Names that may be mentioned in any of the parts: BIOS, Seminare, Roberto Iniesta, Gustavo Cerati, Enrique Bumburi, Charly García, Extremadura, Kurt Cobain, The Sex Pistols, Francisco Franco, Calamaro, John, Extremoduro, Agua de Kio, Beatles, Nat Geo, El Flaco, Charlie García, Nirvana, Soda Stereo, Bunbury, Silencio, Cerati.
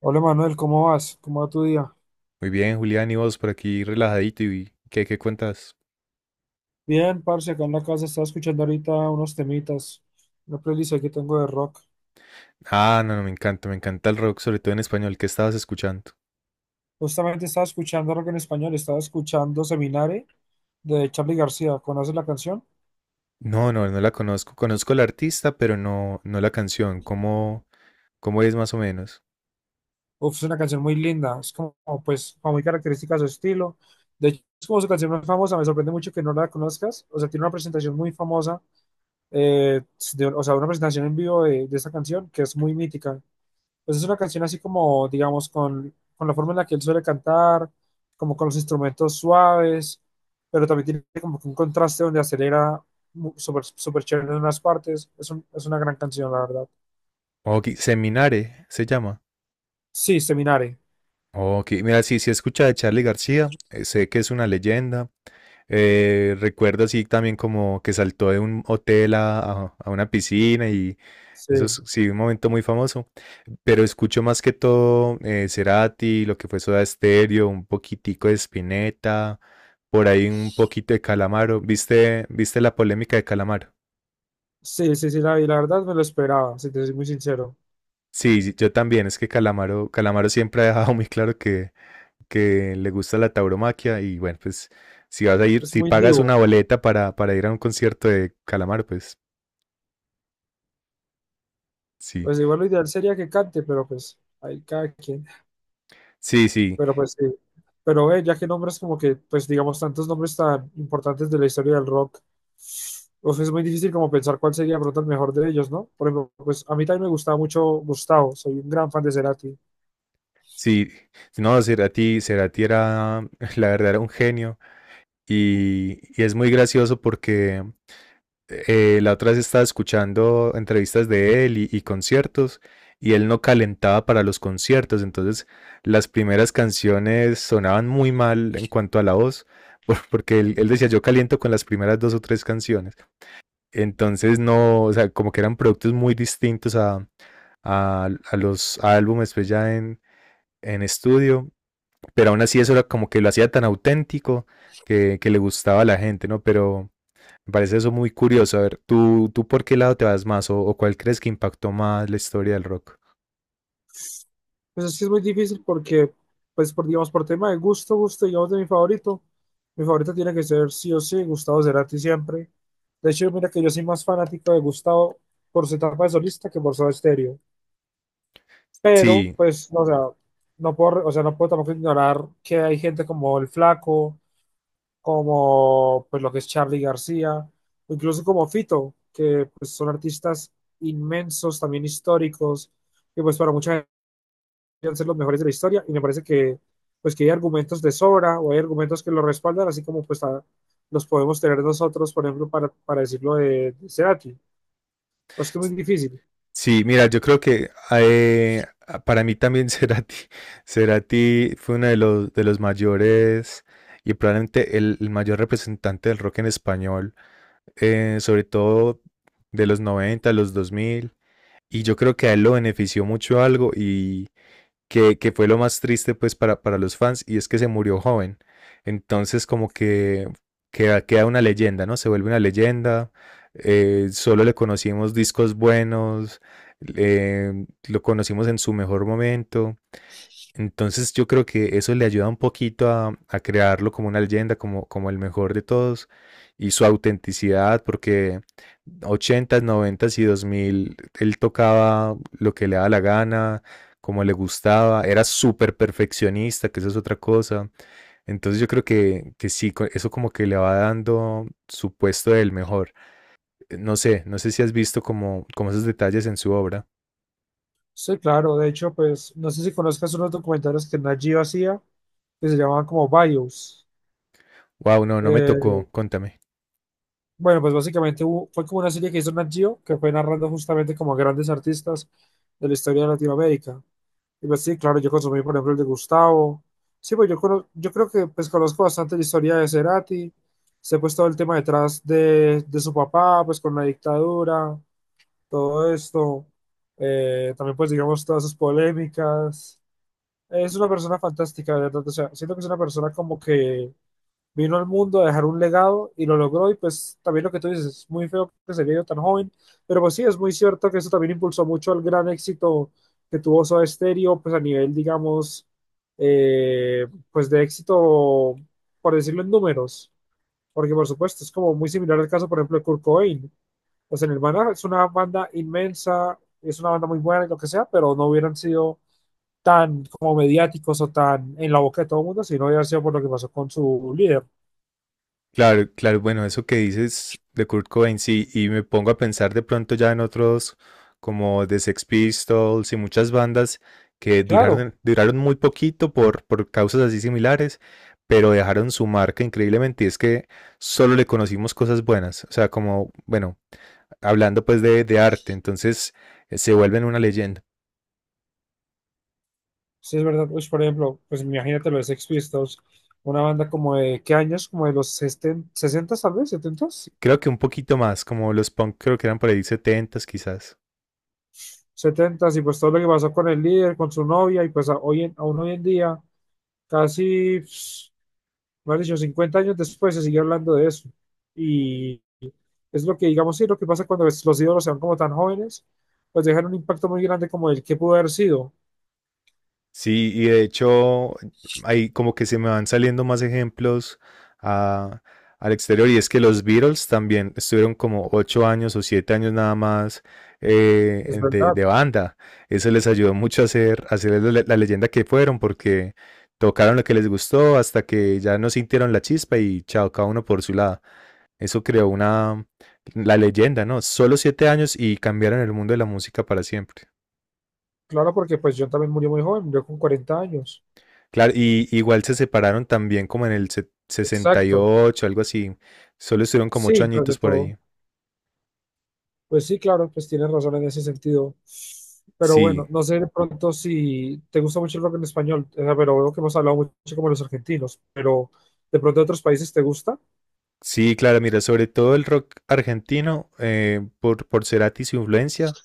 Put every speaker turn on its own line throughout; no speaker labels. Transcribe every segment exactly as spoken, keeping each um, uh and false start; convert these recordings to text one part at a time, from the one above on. Hola Manuel, ¿cómo vas? ¿Cómo va tu día?
Muy bien, Julián, y vos por aquí relajadito y ¿qué, qué cuentas?
Bien, parce, acá en la casa estaba escuchando ahorita unos temitas, una playlist ahí que tengo de rock.
Ah, no, no, me encanta, me encanta el rock, sobre todo en español. ¿Qué estabas escuchando?
Justamente estaba escuchando rock en español, estaba escuchando Seminare de Charly García. ¿Conoces la canción?
No, no, no la conozco. Conozco la artista, pero no, no la canción. ¿Cómo, cómo es más o menos?
Uf, es una canción muy linda, es como, pues, como muy característica de su estilo. De hecho, es como su canción más famosa, me sorprende mucho que no la conozcas. O sea, tiene una presentación muy famosa, eh, de- o sea, una presentación en vivo de, de esta canción que es muy mítica. Pues es una canción así como, digamos, con, con la forma en la que él suele cantar, como con los instrumentos suaves, pero también tiene como que un contraste donde acelera mu- súper súper chévere en unas partes. Es, un- es una gran canción, la verdad.
Ok, Seminare se llama.
Sí, Seminare.
Ok, mira, sí, sí escucha de Charlie García, eh, sé que es una leyenda. Eh, recuerdo así también como que saltó de un hotel a, a- a una piscina y Eso
Sí,
es, sí, un momento muy famoso. Pero escucho más que todo eh, Cerati, lo que fue Soda Stereo, un poquitico de Spinetta, por ahí un poquito de Calamaro. ¿Viste, viste la polémica de Calamaro?
sí, sí, sí, la vi. La verdad me lo esperaba, si te soy muy sincero.
Sí, sí, yo también. Es que Calamaro, Calamaro siempre ha dejado muy claro que, que le gusta la tauromaquia. Y bueno, pues si vas a ir,
Es
si
muy
pagas
divo.
una boleta para, para ir a un concierto de Calamaro, pues sí.
Pues igual lo ideal sería que cante, pero pues ahí cada quien.
Sí, sí,
Pero pues sí. Pero eh, ya que nombres como que, pues digamos, tantos nombres tan importantes de la historia del rock, pues es muy difícil como pensar cuál sería de pronto el mejor de ellos, ¿no? Por ejemplo, pues a mí también me gustaba mucho Gustavo, soy un gran fan de Cerati.
sí. No, Cerati, Cerati era, la verdad, era un genio. Y, y es muy gracioso porque eh, la otra vez estaba escuchando entrevistas de él y, y conciertos y él no calentaba para los conciertos, entonces las primeras canciones sonaban muy mal en cuanto a la voz, por- porque él, él decía yo caliento con las primeras dos o tres canciones, entonces no, o sea, como que eran productos muy distintos a, a- a los álbumes pues ya en, en estudio, pero aún así eso era como que lo hacía tan auténtico que, que le gustaba a la gente, ¿no? Pero me parece eso muy curioso. A ver, ¿tú, tú por qué lado te vas más o, o cuál crees que impactó más la historia del rock?
Pues es que es muy difícil porque, pues por, digamos, por tema de gusto, gusto, digamos, de mi favorito, mi favorito tiene que ser sí o sí Gustavo Cerati siempre. De hecho, mira que yo soy más fanático de Gustavo por su etapa de solista que por su estéreo, pero
Sí,
pues, no, o sea, no puedo, o sea, no puedo tampoco ignorar que hay gente como El Flaco, como pues lo que es Charly García, o incluso como Fito, que pues son artistas inmensos, también históricos, que pues para mucha gente deben ser los mejores de la historia, y me parece que pues que hay argumentos de sobra, o hay argumentos que lo respaldan, así como pues a- los podemos tener nosotros, por ejemplo, para, para decirlo de, de Cerati. Pues que es muy difícil.
sí, mira, yo creo que eh, para mí también Cerati, Cerati fue uno de los, de los mayores y probablemente el, el mayor representante del rock en español, eh, sobre todo de los noventa los dos mil Y yo creo que a él lo benefició mucho algo y, que, que fue lo más triste pues para, para los fans y es que se murió joven. Entonces como que queda, queda una leyenda, ¿no? Se vuelve una leyenda, eh, solo le conocimos discos buenos, eh, lo conocimos en su mejor momento entonces yo creo que eso le ayuda un poquito a, a crearlo como una leyenda, como, como el mejor de todos y su autenticidad, porque ochentas, noventas y dos mil él tocaba lo que le daba la gana, como le gustaba, era súper perfeccionista, que eso es otra cosa. Entonces yo creo que, que sí, co- eso como que le va dando su puesto del mejor. No sé, no sé si has visto como, como esos detalles en su obra.
Sí, claro, de hecho, pues no sé si conozcas unos documentales que Nat Geo hacía, que se llamaban como BIOS.
Wow, no, no me
Eh,
tocó, contame.
bueno, pues básicamente hubo- fue como una serie que hizo Nat Geo, que fue narrando justamente como grandes artistas de la historia de Latinoamérica. Y pues sí, claro, yo consumí, por ejemplo, el de Gustavo. Sí, pues yo, cono- yo creo que pues conozco bastante la historia de Cerati, sé pues todo el tema detrás de, de su papá, pues con la dictadura, todo esto. Eh, también pues digamos todas sus polémicas. Es una persona fantástica, de verdad. O sea, siento que es una persona como que vino al mundo a dejar un legado y lo logró. Y pues también lo que tú dices, es muy feo que se haya ido tan joven. Pero pues sí, es muy cierto que eso también impulsó mucho el gran éxito que tuvo Soda Stereo, pues a nivel, digamos, eh, pues de éxito, por decirlo en números. Porque por supuesto, es como muy similar al caso, por ejemplo, de Kurt Cobain. O sea, Nirvana es una banda inmensa, es una banda muy buena y lo que sea, pero no hubieran sido tan como mediáticos o tan en la boca de todo el mundo, sino ya sido por lo que pasó con su líder.
Claro, claro, bueno, eso que dices de Kurt Cobain, sí, y me pongo a pensar de pronto ya en otros como The Sex Pistols y muchas bandas que
Claro,
duraron, duraron muy poquito por, por causas así similares, pero dejaron su marca increíblemente y es que solo le conocimos cosas buenas, o sea, como, bueno, hablando pues de, de arte, entonces eh, se vuelven una leyenda.
sí es verdad. Uy, por ejemplo, pues imagínate lo de Sex Pistols, una banda como de, ¿qué años? Como de los sesenta, sesenta tal vez, setenta,
Creo que un poquito más, como los punk creo que eran por ahí setentas quizás.
setenta, y pues todo lo que pasó con el líder, con su novia, y pues a- hoy en- aún hoy en día, casi, pss, más dicho, cincuenta años después se sigue hablando de eso. Y es lo que, digamos, sí, lo que pasa cuando los ídolos sean como tan jóvenes, pues dejan un impacto muy grande como el que pudo haber sido.
Sí, y de hecho, ahí como que se me van saliendo más ejemplos a- al exterior. Y es que los Beatles también estuvieron como ocho años o siete años nada más
Es
eh, de,
verdad.
de banda. Eso les ayudó mucho a ser, a ser la, la leyenda que fueron, porque tocaron lo que les gustó hasta que ya no sintieron la chispa y chao, cada uno por su lado. Eso creó una, la leyenda, ¿no? Solo siete años y cambiaron el mundo de la música para siempre.
Claro, porque pues John también murió muy joven, murió con cuarenta años.
Claro, y igual se separaron también como en el se-
Exacto.
sesenta y ocho, algo así. Solo estuvieron como ocho
Sí, tras de
añitos por
todo.
ahí.
Pues sí, claro, pues tienes razón en ese sentido. Pero
Sí,
bueno, no sé de pronto si te gusta mucho el rock en español, eh, pero veo que hemos hablado mucho como los argentinos, pero de pronto de otros países te gusta.
sí, claro, mira, sobre todo el rock argentino, eh, por, por Cerati y su influencia,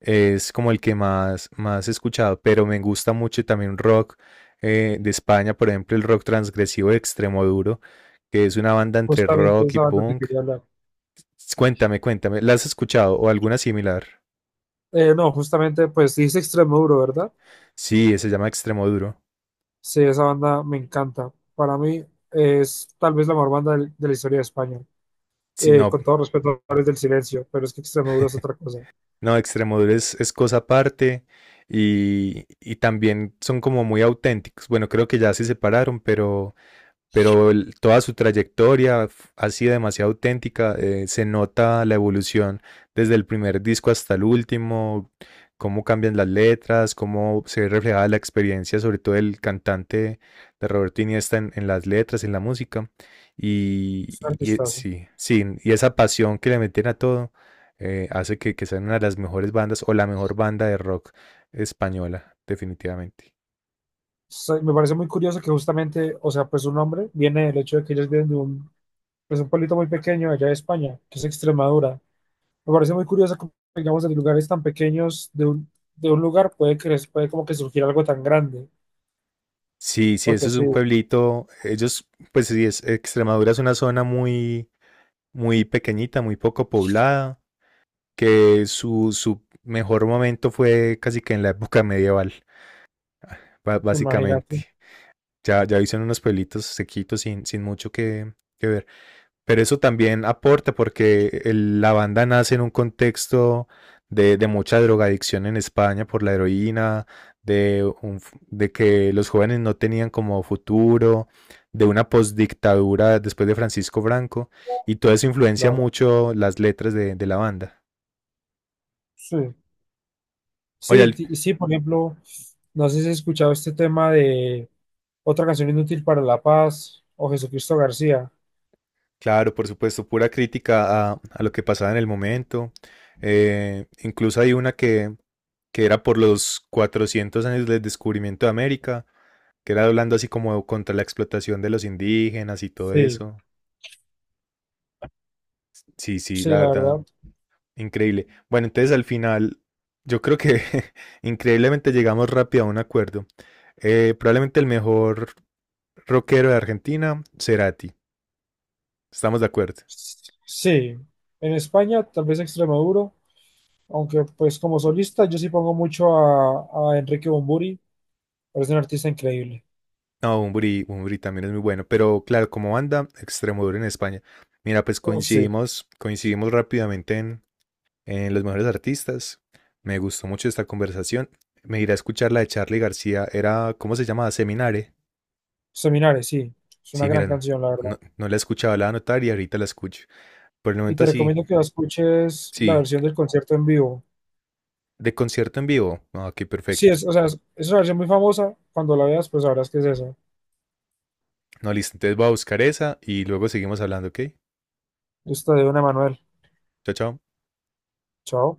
es como el que más, más he escuchado, pero me gusta mucho también rock eh, de España, por ejemplo, el rock transgresivo de Extremoduro, que es una banda entre
Justamente
rock y
esa banda te
punk.
quería hablar.
Cuéntame, cuéntame, ¿la has escuchado o alguna similar?
Eh, no, justamente, pues dice Extremoduro, ¿verdad?
Sí, se llama Extremoduro.
Sí, esa banda me encanta. Para mí es tal vez la mejor banda del- de la historia de España.
Sí,
Eh,
no,
con todo respeto a los del Silencio, pero es que Extremoduro es otra cosa.
No, Extremoduro es, es cosa aparte y, y también son como muy auténticos. Bueno, creo que ya se separaron, pero pero el- toda su trayectoria f- ha sido demasiado auténtica. eh, se nota la evolución desde el primer disco hasta el último, cómo cambian las letras, cómo se ve reflejada la experiencia, sobre todo el cantante de Roberto Iniesta en, en las letras, en la música. Y,
Es un
y- y
artistazo.
sí, sí, y esa pasión que le meten a todo eh, hace que, que sean una de las mejores bandas o la mejor banda de rock española, definitivamente.
Soy- Me parece muy curioso que justamente, o sea, pues su nombre viene del hecho de que ellos vienen de un, pues un pueblito muy pequeño allá de España, que es Extremadura. Me parece muy curioso que, digamos, de lugares tan pequeños de un, de un lugar puede cre- puede como que surgir algo tan grande,
Sí, sí, eso
porque
es
sí,
un pueblito. Ellos, pues sí, es, Extremadura es una zona muy, muy pequeñita, muy poco poblada, que su, su mejor momento fue casi que en la época medieval, ba-
imagínate,
básicamente. Ya, ya hicieron unos pueblitos sequitos sin, sin mucho que, que ver. Pero eso también aporta porque el- la banda nace en un contexto de, de mucha drogadicción en España por la heroína, de, un f- de que los jóvenes no tenían como futuro, de una postdictadura después de Francisco Franco, y todo eso influencia
claro.
mucho las letras de, de la banda.
Sí,
Oye,
sí,
al-
ti- sí, por ejemplo, no sé si has escuchado este tema de otra canción inútil para la paz o Jesucristo García.
Claro, por supuesto, pura crítica a, a lo que pasaba en el momento. Eh, incluso hay una que, que era por los cuatrocientos años del descubrimiento de América, que era hablando así como contra la explotación de los indígenas y todo
Sí,
eso. Sí, sí,
sí,
la
la
verdad,
verdad.
increíble. Bueno, entonces al final, yo creo que increíblemente llegamos rápido a un acuerdo. Eh, probablemente el mejor rockero de Argentina, Cerati. Estamos de acuerdo.
Sí, en España tal vez Extremoduro, aunque pues como solista yo sí pongo mucho a, a Enrique Bumburi, es un artista increíble.
No, Bunbury, Bunbury también es muy bueno, pero claro, como banda, Extremoduro en España. Mira, pues
Uf, sí,
coincidimos, coincidimos rápidamente en, en los mejores artistas. Me gustó mucho esta conversación. Me iré a escuchar la de Charlie García. Era, ¿cómo se llamaba? Seminare.
Seminares, sí, es una
Sí,
gran
miran,
canción, la verdad.
no, no la escuchaba, la voy a anotar y ahorita la escucho. Por el
Y
momento
te
así,
recomiendo que la escuches la
sí.
versión del concierto en vivo.
De concierto en vivo. Ah, qué
Sí,
perfecto.
es, o sea, es, es una versión muy famosa, cuando la veas pues sabrás que es esa.
No, listo. Entonces voy a buscar esa y luego seguimos hablando, ¿ok?
Esta de Don Emanuel,
Chao, chao.
chao.